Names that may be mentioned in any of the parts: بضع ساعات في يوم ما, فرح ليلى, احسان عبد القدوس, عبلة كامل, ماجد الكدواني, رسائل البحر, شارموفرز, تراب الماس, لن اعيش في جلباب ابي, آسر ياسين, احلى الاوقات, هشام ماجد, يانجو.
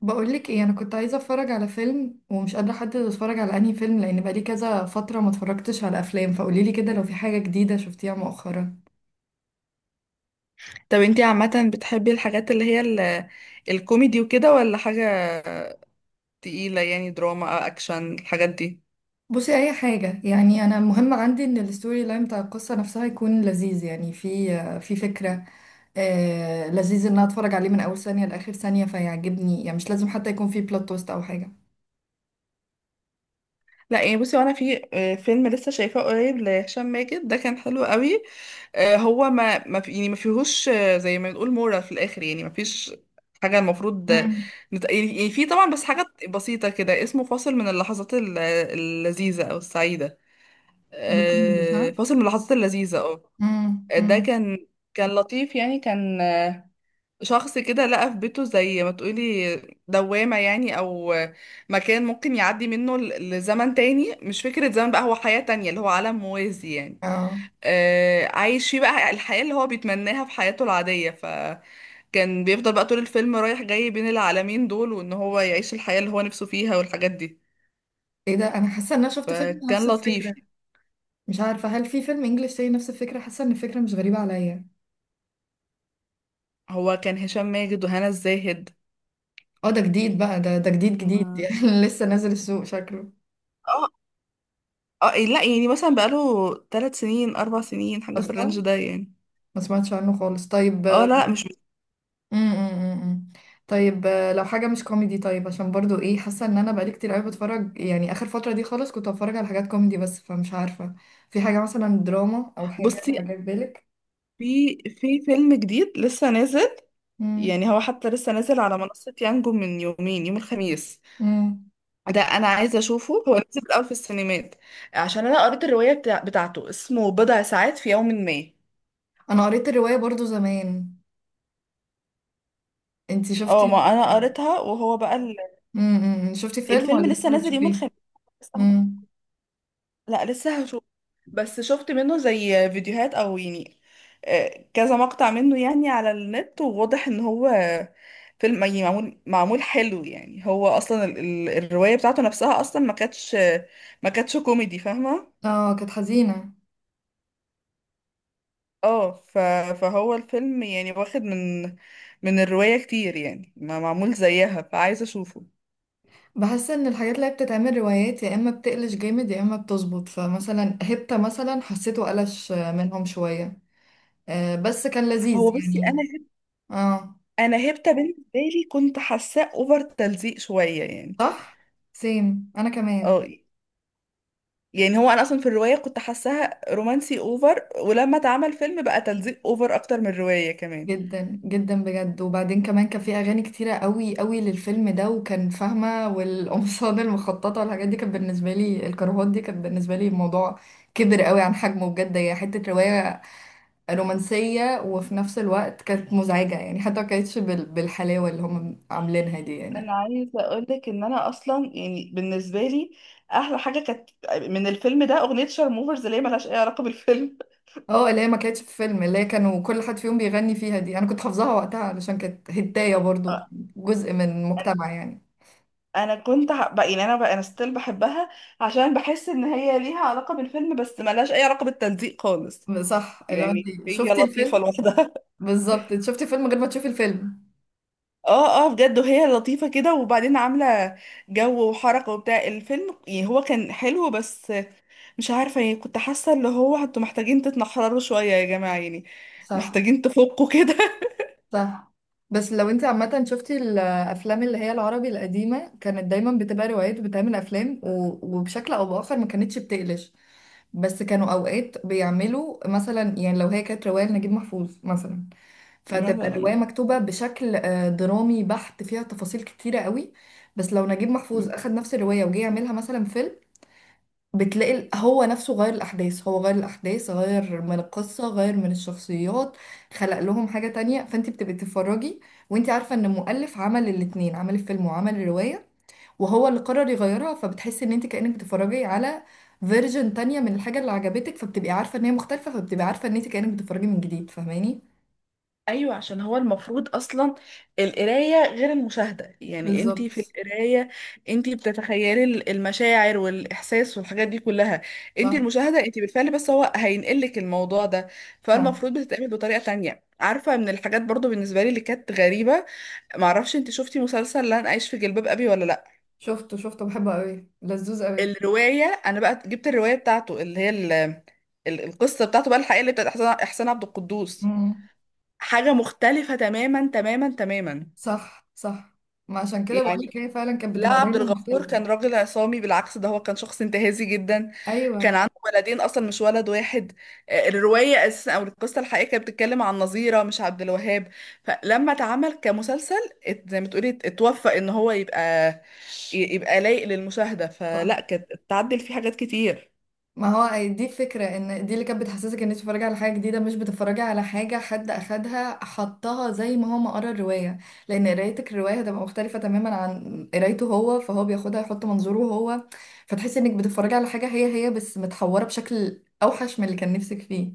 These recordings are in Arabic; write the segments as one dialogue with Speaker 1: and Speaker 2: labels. Speaker 1: بقولك ايه، انا كنت عايزه اتفرج على فيلم ومش قادره احدد اتفرج على انهي فيلم، لان بقالي كذا فتره ما اتفرجتش على افلام، فقوليلي كده لو في حاجه جديده شفتيها مؤخرا.
Speaker 2: طب انتي عامة بتحبي الحاجات الكوميدي وكده ولا حاجة تقيلة يعني دراما اكشن الحاجات دي.
Speaker 1: بصي اي حاجه، يعني انا المهم عندي ان الستوري لاين بتاع القصه نفسها يكون لذيذ، يعني في فكره. آه لذيذ ان انا اتفرج عليه من اول ثانيه لاخر ثانيه فيعجبني، يعني مش لازم حتى يكون في بلوت توست او حاجه.
Speaker 2: لا يعني بصي وانا في فيلم لسه شايفاه قريب لهشام ماجد ده كان حلو قوي. هو ما في ما فيهوش، زي ما بنقول مورال في الاخر، يعني ما فيش حاجة المفروض
Speaker 1: امم.
Speaker 2: في طبعا بس حاجة بسيطة كده، اسمه فاصل من اللحظات اللذيذة او السعيدة.
Speaker 1: بكوميدي صح؟
Speaker 2: فاصل من اللحظات اللذيذة. اه،
Speaker 1: امم،
Speaker 2: ده
Speaker 1: امم.
Speaker 2: كان لطيف. يعني كان شخص كده لقى في بيته زي ما تقولي دوامة يعني، أو مكان ممكن يعدي منه لزمن تاني، مش فكرة زمن بقى، هو حياة تانية اللي هو عالم موازي يعني.
Speaker 1: اه.
Speaker 2: آه، عايش فيه بقى الحياة اللي هو بيتمناها في حياته العادية. فكان بيفضل بقى طول الفيلم رايح جاي بين العالمين دول، وإن هو يعيش الحياة اللي هو نفسه فيها والحاجات دي.
Speaker 1: ايه ده، انا حاسه ان انا شفت فيلم
Speaker 2: فكان
Speaker 1: نفس
Speaker 2: لطيف.
Speaker 1: الفكره. مش عارفة هل في فيلم انجليش تاني نفس الفكرة. حاسة ان الفكرة مش غريبة عليا.
Speaker 2: هو كان هشام ماجد وهنا الزاهد.
Speaker 1: اه، ده جديد بقى. ده جديد جديد
Speaker 2: ما
Speaker 1: يعني لسه نازل السوق شكله.
Speaker 2: اه، اه لا يعني مثلا بقاله 3 سنين 4 سنين، حاجة في الرينج
Speaker 1: اصلا
Speaker 2: ده يعني.
Speaker 1: ما سمعتش عنه خالص. طيب،
Speaker 2: اه لا مش.
Speaker 1: م- م- م- م. طيب، لو حاجة مش كوميدي. طيب، عشان برضو ايه، حاسة ان انا بقالي كتير قوي بتفرج، يعني اخر فترة دي خالص كنت بتفرج على حاجات كوميدي بس، فمش عارفة في حاجة مثلا دراما او حاجة
Speaker 2: بصي،
Speaker 1: جاية في بالك؟
Speaker 2: في فيلم جديد لسه نازل،
Speaker 1: م-
Speaker 2: يعني هو حتى لسه نازل على منصة يانجو من يومين، يوم الخميس.
Speaker 1: م.
Speaker 2: ده انا عايزة اشوفه. هو نزل الاول في السينمات، عشان انا قريت الرواية بتاعته، اسمه بضع ساعات في يوم ما.
Speaker 1: انا قريت الرواية برضو زمان. انتي شفتي
Speaker 2: اه،
Speaker 1: ال...
Speaker 2: ما انا قريتها. وهو بقى
Speaker 1: م- م- م. شفتي فيلم ولا
Speaker 2: الفيلم لسه
Speaker 1: لسه
Speaker 2: نازل يوم
Speaker 1: هتشوفيه؟
Speaker 2: الخميس. لسه-
Speaker 1: م.
Speaker 2: لا لسه هشوفه، بس شفت منه زي فيديوهات او يعني كذا مقطع منه يعني على النت، وواضح ان هو فيلم يعني معمول حلو، يعني هو اصلا الرواية بتاعته نفسها اصلا ما كانتش، ما كانتش كوميدي، فاهمة.
Speaker 1: اه، كانت حزينة.
Speaker 2: اه، فهو الفيلم يعني واخد من الرواية كتير، يعني ما معمول زيها، فعايزة اشوفه.
Speaker 1: بحس ان الحاجات اللي هي بتتعمل روايات يا اما بتقلش جامد يا اما بتظبط، فمثلا هبتة مثلا حسيته قلش منهم شوية. آه بس كان
Speaker 2: هو
Speaker 1: لذيذ
Speaker 2: بصي انا
Speaker 1: يعني. اه.
Speaker 2: انا هبته بالنسبة لي كنت حاساه اوفر تلزيق شوية يعني.
Speaker 1: صح. سيم، انا كمان.
Speaker 2: اه، يعني هو انا اصلا في الروايه كنت حاساها رومانسي اوفر، ولما اتعمل فيلم بقى تلزيق اوفر اكتر من الروايه كمان.
Speaker 1: جدا جدا بجد، وبعدين كمان كان في اغاني كتيرة قوي قوي للفيلم ده وكان فاهمة، والقمصان المخططة والحاجات دي كانت بالنسبة لي، الكروهات دي كانت بالنسبة لي الموضوع كبر قوي عن حجمه بجد. هي حتة رواية رومانسية، وفي نفس الوقت كانت مزعجة، يعني حتى ما كانتش بالحلاوة اللي هم عاملينها دي يعني.
Speaker 2: انا عايزه اقول لك ان انا اصلا يعني بالنسبه لي احلى حاجه كانت من الفيلم ده اغنيه شارموفرز، اللي هي ملهاش اي علاقه بالفيلم.
Speaker 1: اه، اللي هي ما كانتش في فيلم، اللي هي كانوا كل حد فيهم بيغني فيها دي، انا كنت حافظاها وقتها علشان كانت هداية برضو، جزء من مجتمع يعني.
Speaker 2: انا كنت ح- بقى يعني انا بقى انا ستيل بحبها، عشان بحس ان هي ليها علاقه بالفيلم، بس ملهاش اي علاقه بالتلزيق خالص.
Speaker 1: صح، لو
Speaker 2: يعني
Speaker 1: انت
Speaker 2: هي
Speaker 1: شفتي
Speaker 2: لطيفه
Speaker 1: الفيلم.
Speaker 2: لوحدها.
Speaker 1: بالظبط، انت شفتي الفيلم غير ما تشوفي الفيلم.
Speaker 2: اه، اه بجد، وهي لطيفة كده، وبعدين عاملة جو وحركة وبتاع الفيلم. يعني هو كان حلو، بس مش عارفة، يعني كنت حاسة اللي هو انتوا محتاجين تتنحرروا شوية يا جماعة يعني.
Speaker 1: صح،
Speaker 2: محتاجين تفكوا كده.
Speaker 1: صح. بس لو انت عامة شفتي الأفلام اللي هي العربي القديمة، كانت دايما بتبقى روايات وبتعمل أفلام وبشكل أو بآخر ما كانتش بتقلش. بس كانوا أوقات بيعملوا مثلا، يعني لو هي كانت رواية لنجيب محفوظ مثلا، فتبقى الرواية
Speaker 2: مثلا.
Speaker 1: مكتوبة بشكل درامي بحت، فيها تفاصيل كتيرة قوي. بس لو نجيب محفوظ أخد نفس الرواية وجه يعملها مثلا فيلم، بتلاقي هو نفسه غير الأحداث، هو غير الأحداث، غير من القصة، غير من الشخصيات، خلق لهم حاجة تانية، فانت بتبقي تتفرجي وانت عارفة ان المؤلف عمل الاتنين، عمل الفيلم وعمل الرواية، وهو اللي قرر يغيرها، فبتحسي ان انت كأنك بتتفرجي على فيرجن تانية من الحاجة اللي عجبتك، فبتبقي عارفة ان هي مختلفة، فبتبقي عارفة ان انت كأنك بتتفرجي من جديد، فاهماني؟
Speaker 2: ايوه، عشان هو المفروض اصلا القرايه غير المشاهده. يعني انتي في
Speaker 1: بالظبط.
Speaker 2: القرايه انتي بتتخيلي المشاعر والاحساس والحاجات دي كلها. انتي
Speaker 1: صح،
Speaker 2: المشاهده انتي بالفعل، بس هو هينقلك الموضوع ده.
Speaker 1: صح.
Speaker 2: فالمفروض بتتعمل بطريقه تانية، عارفه. من الحاجات برضو بالنسبه لي اللي كانت غريبه، معرفش انتي شفتي مسلسل لن اعيش في جلباب ابي ولا لا.
Speaker 1: شفته بحبه قوي، لذوذ قوي.
Speaker 2: الروايه انا بقى جبت الروايه بتاعته، اللي هي القصه بتاعته بقى الحقيقيه اللي بتاعت إحسان عبد القدوس.
Speaker 1: مم.
Speaker 2: حاجه مختلفه تماما تماما تماما.
Speaker 1: صح، صح. ما عشان كده
Speaker 2: يعني
Speaker 1: بقولك هي فعلا كانت
Speaker 2: لا،
Speaker 1: بتبقى
Speaker 2: عبد
Speaker 1: دايما
Speaker 2: الغفور
Speaker 1: مختلفة.
Speaker 2: كان راجل عصامي، بالعكس ده هو كان شخص انتهازي جدا. كان
Speaker 1: ايوه.
Speaker 2: عنده ولدين اصلا مش ولد واحد. الروايه اساسا او القصه الحقيقيه كانت بتتكلم عن نظيره مش عبد الوهاب. فلما اتعمل كمسلسل، زي ما تقولي اتوفق ان هو يبقى، يبقى لايق للمشاهده،
Speaker 1: صح.
Speaker 2: فلا كانت اتعدل فيه حاجات كتير.
Speaker 1: ما هو دي الفكره، ان دي اللي كانت بتحسسك ان انت بتتفرجي على حاجه جديده، مش بتتفرجي على حاجه حد اخدها حطها زي ما هو ما قرا الروايه. لان قرايتك الروايه هتبقى مختلفه تماما عن قرايته هو، فهو بياخدها يحط منظوره هو. فتحسي انك بتتفرجي على حاجه هي هي، بس متحوره بشكل اوحش من اللي كان نفسك فيه.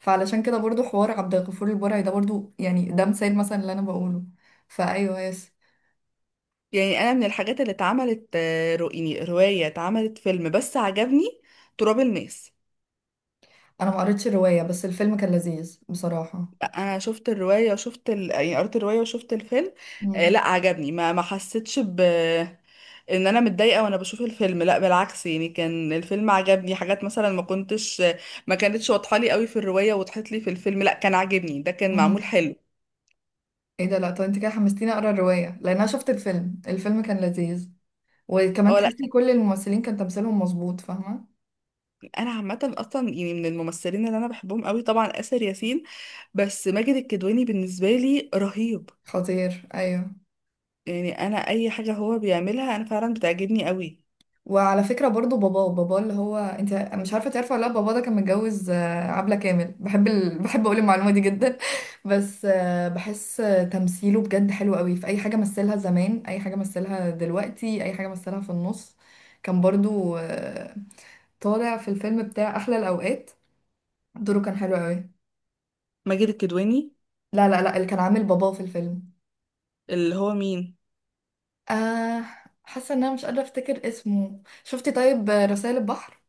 Speaker 1: فعلشان كده برضو حوار عبد الغفور البرعي ده برضو، يعني ده مثال مثلا اللي انا بقوله. فايوه، يس.
Speaker 2: يعني انا من الحاجات اللي اتعملت، روايه اتعملت فيلم بس عجبني، تراب الماس.
Speaker 1: انا ما قريتش الروايه، بس الفيلم كان لذيذ بصراحه.
Speaker 2: لا، انا شفت الروايه وشفت ال... يعني قريت الروايه وشفت الفيلم. آه لا عجبني، ما حسيتش ب ان انا متضايقه وانا بشوف الفيلم. لا بالعكس، يعني كان الفيلم عجبني، حاجات مثلا ما كانتش واضحه لي قوي في الروايه وضحت لي في الفيلم. لا كان عاجبني، ده كان معمول
Speaker 1: امم.
Speaker 2: حلو.
Speaker 1: ايه ده، لا طب انت كده حمستيني اقرا الرواية، لان انا شفت الفيلم. الفيلم كان لذيذ، وكمان
Speaker 2: اه لا
Speaker 1: تحسي كل الممثلين كان تمثيلهم مظبوط، فاهمة؟
Speaker 2: انا عامه اصلا يعني من الممثلين اللي انا بحبهم قوي طبعا آسر ياسين، بس ماجد الكدواني بالنسبه لي رهيب.
Speaker 1: خطير، ايوه.
Speaker 2: يعني انا اي حاجه هو بيعملها انا فعلا بتعجبني قوي.
Speaker 1: وعلى فكرة برضو باباه، باباه اللي هو انت مش عارفة تعرفه ولا لا، باباه ده كان متجوز عبلة كامل. بحب بحب اقول المعلومة دي جدا بس بحس تمثيله بجد حلو قوي في اي حاجة مثلها زمان، اي حاجة مثلها دلوقتي، اي حاجة مثلها في النص. كان برضو طالع في الفيلم بتاع احلى الاوقات. دوره كان حلو قوي.
Speaker 2: ماجد الكدواني
Speaker 1: لا، لا، لا، اللي كان عامل باباه في الفيلم.
Speaker 2: اللي هو مين؟
Speaker 1: آه. حاسة ان انا مش قادرة افتكر اسمه. شفتي طيب رسائل البحر؟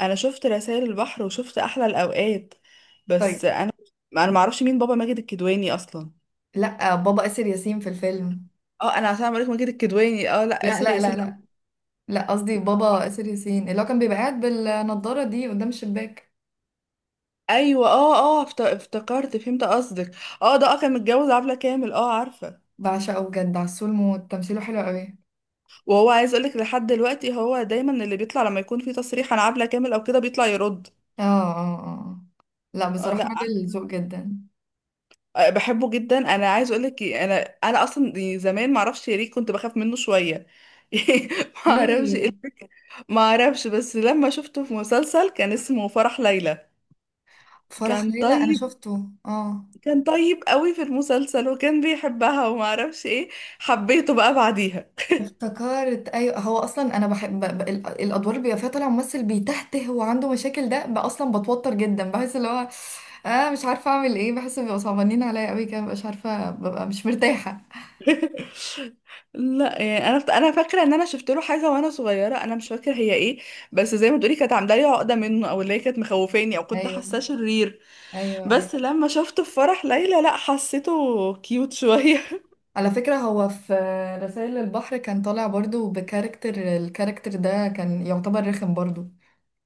Speaker 2: انا شفت رسائل البحر وشفت احلى الاوقات، بس
Speaker 1: طيب.
Speaker 2: انا ما اعرفش مين بابا ماجد الكدواني اصلا.
Speaker 1: لا، بابا آسر ياسين في الفيلم.
Speaker 2: اه انا عشان عليك ماجد الكدواني، اه لا
Speaker 1: لا،
Speaker 2: اسر
Speaker 1: لا،
Speaker 2: ياسين.
Speaker 1: لا، لا. لا، قصدي بابا آسر ياسين اللي هو كان بيبقى قاعد بالنضارة دي قدام الشباك.
Speaker 2: ايوه اه، اه افتكرت، فهمت قصدك. اه ده اه كان متجوز عبلة كامل، اه عارفه.
Speaker 1: بعشقه بجد، عسول موت، تمثيله حلو قوي.
Speaker 2: وهو عايز اقولك لحد دلوقتي هو دايما اللي بيطلع لما يكون في تصريح عن عبلة كامل او كده بيطلع يرد.
Speaker 1: اه، اه، اه. لا،
Speaker 2: اه
Speaker 1: بصراحة
Speaker 2: لا
Speaker 1: راجل ذوق
Speaker 2: عارفة.
Speaker 1: جدا.
Speaker 2: بحبه جدا. انا عايز اقولك انا، اصلا زمان ما اعرفش ليه كنت بخاف منه شويه. ما اعرفش إيه،
Speaker 1: ليه؟
Speaker 2: ما اعرفش. بس لما شفته في مسلسل كان اسمه فرح ليلى،
Speaker 1: فرح
Speaker 2: كان
Speaker 1: ليلى انا
Speaker 2: طيب،
Speaker 1: شفته، اه.
Speaker 2: كان طيب قوي في المسلسل وكان بيحبها وما اعرفش ايه، حبيته بقى بعديها.
Speaker 1: افتكرت، ايوه. هو اصلا انا بحب الادوار اللي بيبقى فيها طالع ممثل بيتهته وعنده مشاكل، ده بقى اصلا بتوتر جدا، بحس اللي هو اه، مش عارفه اعمل ايه، بحس بيبقوا صعبانين عليا قوي كده، مش عارفه، ببقى مش مرتاحه.
Speaker 2: لا يعني انا فاكره ان انا شفت له حاجه وانا صغيره، انا مش فاكره هي ايه، بس زي ما تقولي كانت عامله لي عقده منه، او اللي هي كانت مخوفاني، او كنت
Speaker 1: ايوه.
Speaker 2: حاساه شرير.
Speaker 1: ايوه، ايوه.
Speaker 2: بس لما شفته في فرح ليلى لا حسيته كيوت شويه.
Speaker 1: على فكره هو في رسائل البحر كان طالع برضو بكاركتر، الكاركتر ده كان يعتبر رخم برضو،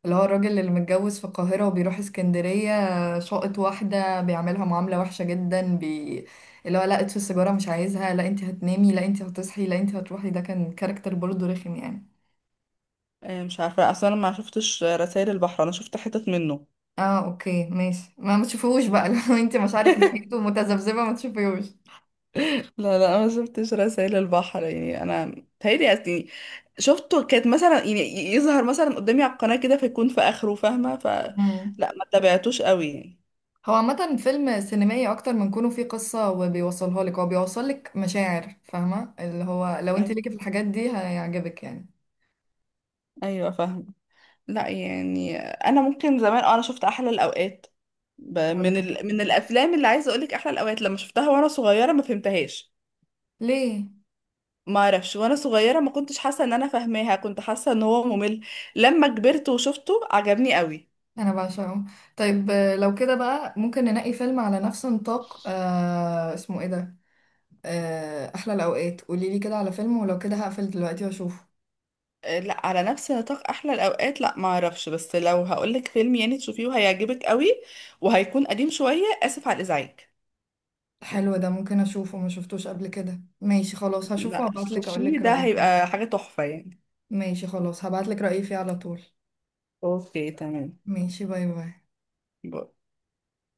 Speaker 1: اللي هو الراجل اللي متجوز في القاهرة وبيروح اسكندرية، شاقط واحدة بيعملها معاملة وحشة جدا اللي هو، لا اطفي السيجارة مش عايزها، لا انت هتنامي، لا انت هتصحي، لا انت هتروحي. ده كان كاركتر برضه رخم يعني.
Speaker 2: مش عارفه اصلا، انا ما شفتش رسائل البحر، انا شفت حتت منه.
Speaker 1: اه، اوكي، ماشي. ما تشوفيهوش بقى لو انت مشاعرك ناحيته متذبذبة ما تشوفيهوش.
Speaker 2: لا لا انا ما شفتش رسائل البحر يعني، انا تهيألي يعني شفته، كانت مثلا يعني يظهر مثلا قدامي على القناة كده فيكون في اخره فاهمة، ف
Speaker 1: مم.
Speaker 2: لا ما تابعتوش قوي.
Speaker 1: هو عامة فيلم سينمائي أكتر من كونه فيه قصة وبيوصلها لك، هو بيوصل لك مشاعر، فاهمة؟ اللي هو لو انت
Speaker 2: يعني
Speaker 1: ليكي في الحاجات دي هيعجبك يعني.
Speaker 2: ايوه فاهمة. لا يعني انا ممكن زمان، اه انا شفت احلى الاوقات،
Speaker 1: هو ده
Speaker 2: من
Speaker 1: كان
Speaker 2: من
Speaker 1: الأفضل.
Speaker 2: الافلام اللي عايزه اقول لك، احلى الاوقات لما شفتها وانا صغيره ما فهمتهاش.
Speaker 1: ليه؟
Speaker 2: ما اعرفش، وانا صغيره ما كنتش حاسه ان انا فاهماها، كنت حاسه ان هو ممل. لما كبرت وشفته عجبني قوي.
Speaker 1: انا بعشقه. طيب، لو كده بقى ممكن ننقي فيلم على نفس نطاق. اسمه ايه ده؟ احلى الاوقات. قولي لي كده على فيلم، ولو كده هقفل دلوقتي واشوفه.
Speaker 2: لا على نفس نطاق احلى الاوقات لا ما اعرفش، بس لو هقولك فيلم يعني تشوفيه وهيعجبك قوي وهيكون قديم شوية، اسف على الازعاج.
Speaker 1: حلو، ده ممكن اشوفه، ما شفتوش قبل كده. ماشي، خلاص هشوفه
Speaker 2: لا
Speaker 1: وابعتلك
Speaker 2: شوفيه،
Speaker 1: اقولك
Speaker 2: ده
Speaker 1: رأيي.
Speaker 2: هيبقى حاجة تحفة يعني.
Speaker 1: ماشي، خلاص هبعتلك رأيي فيه على طول.
Speaker 2: اوكي تمام.
Speaker 1: ماشي، باي باي.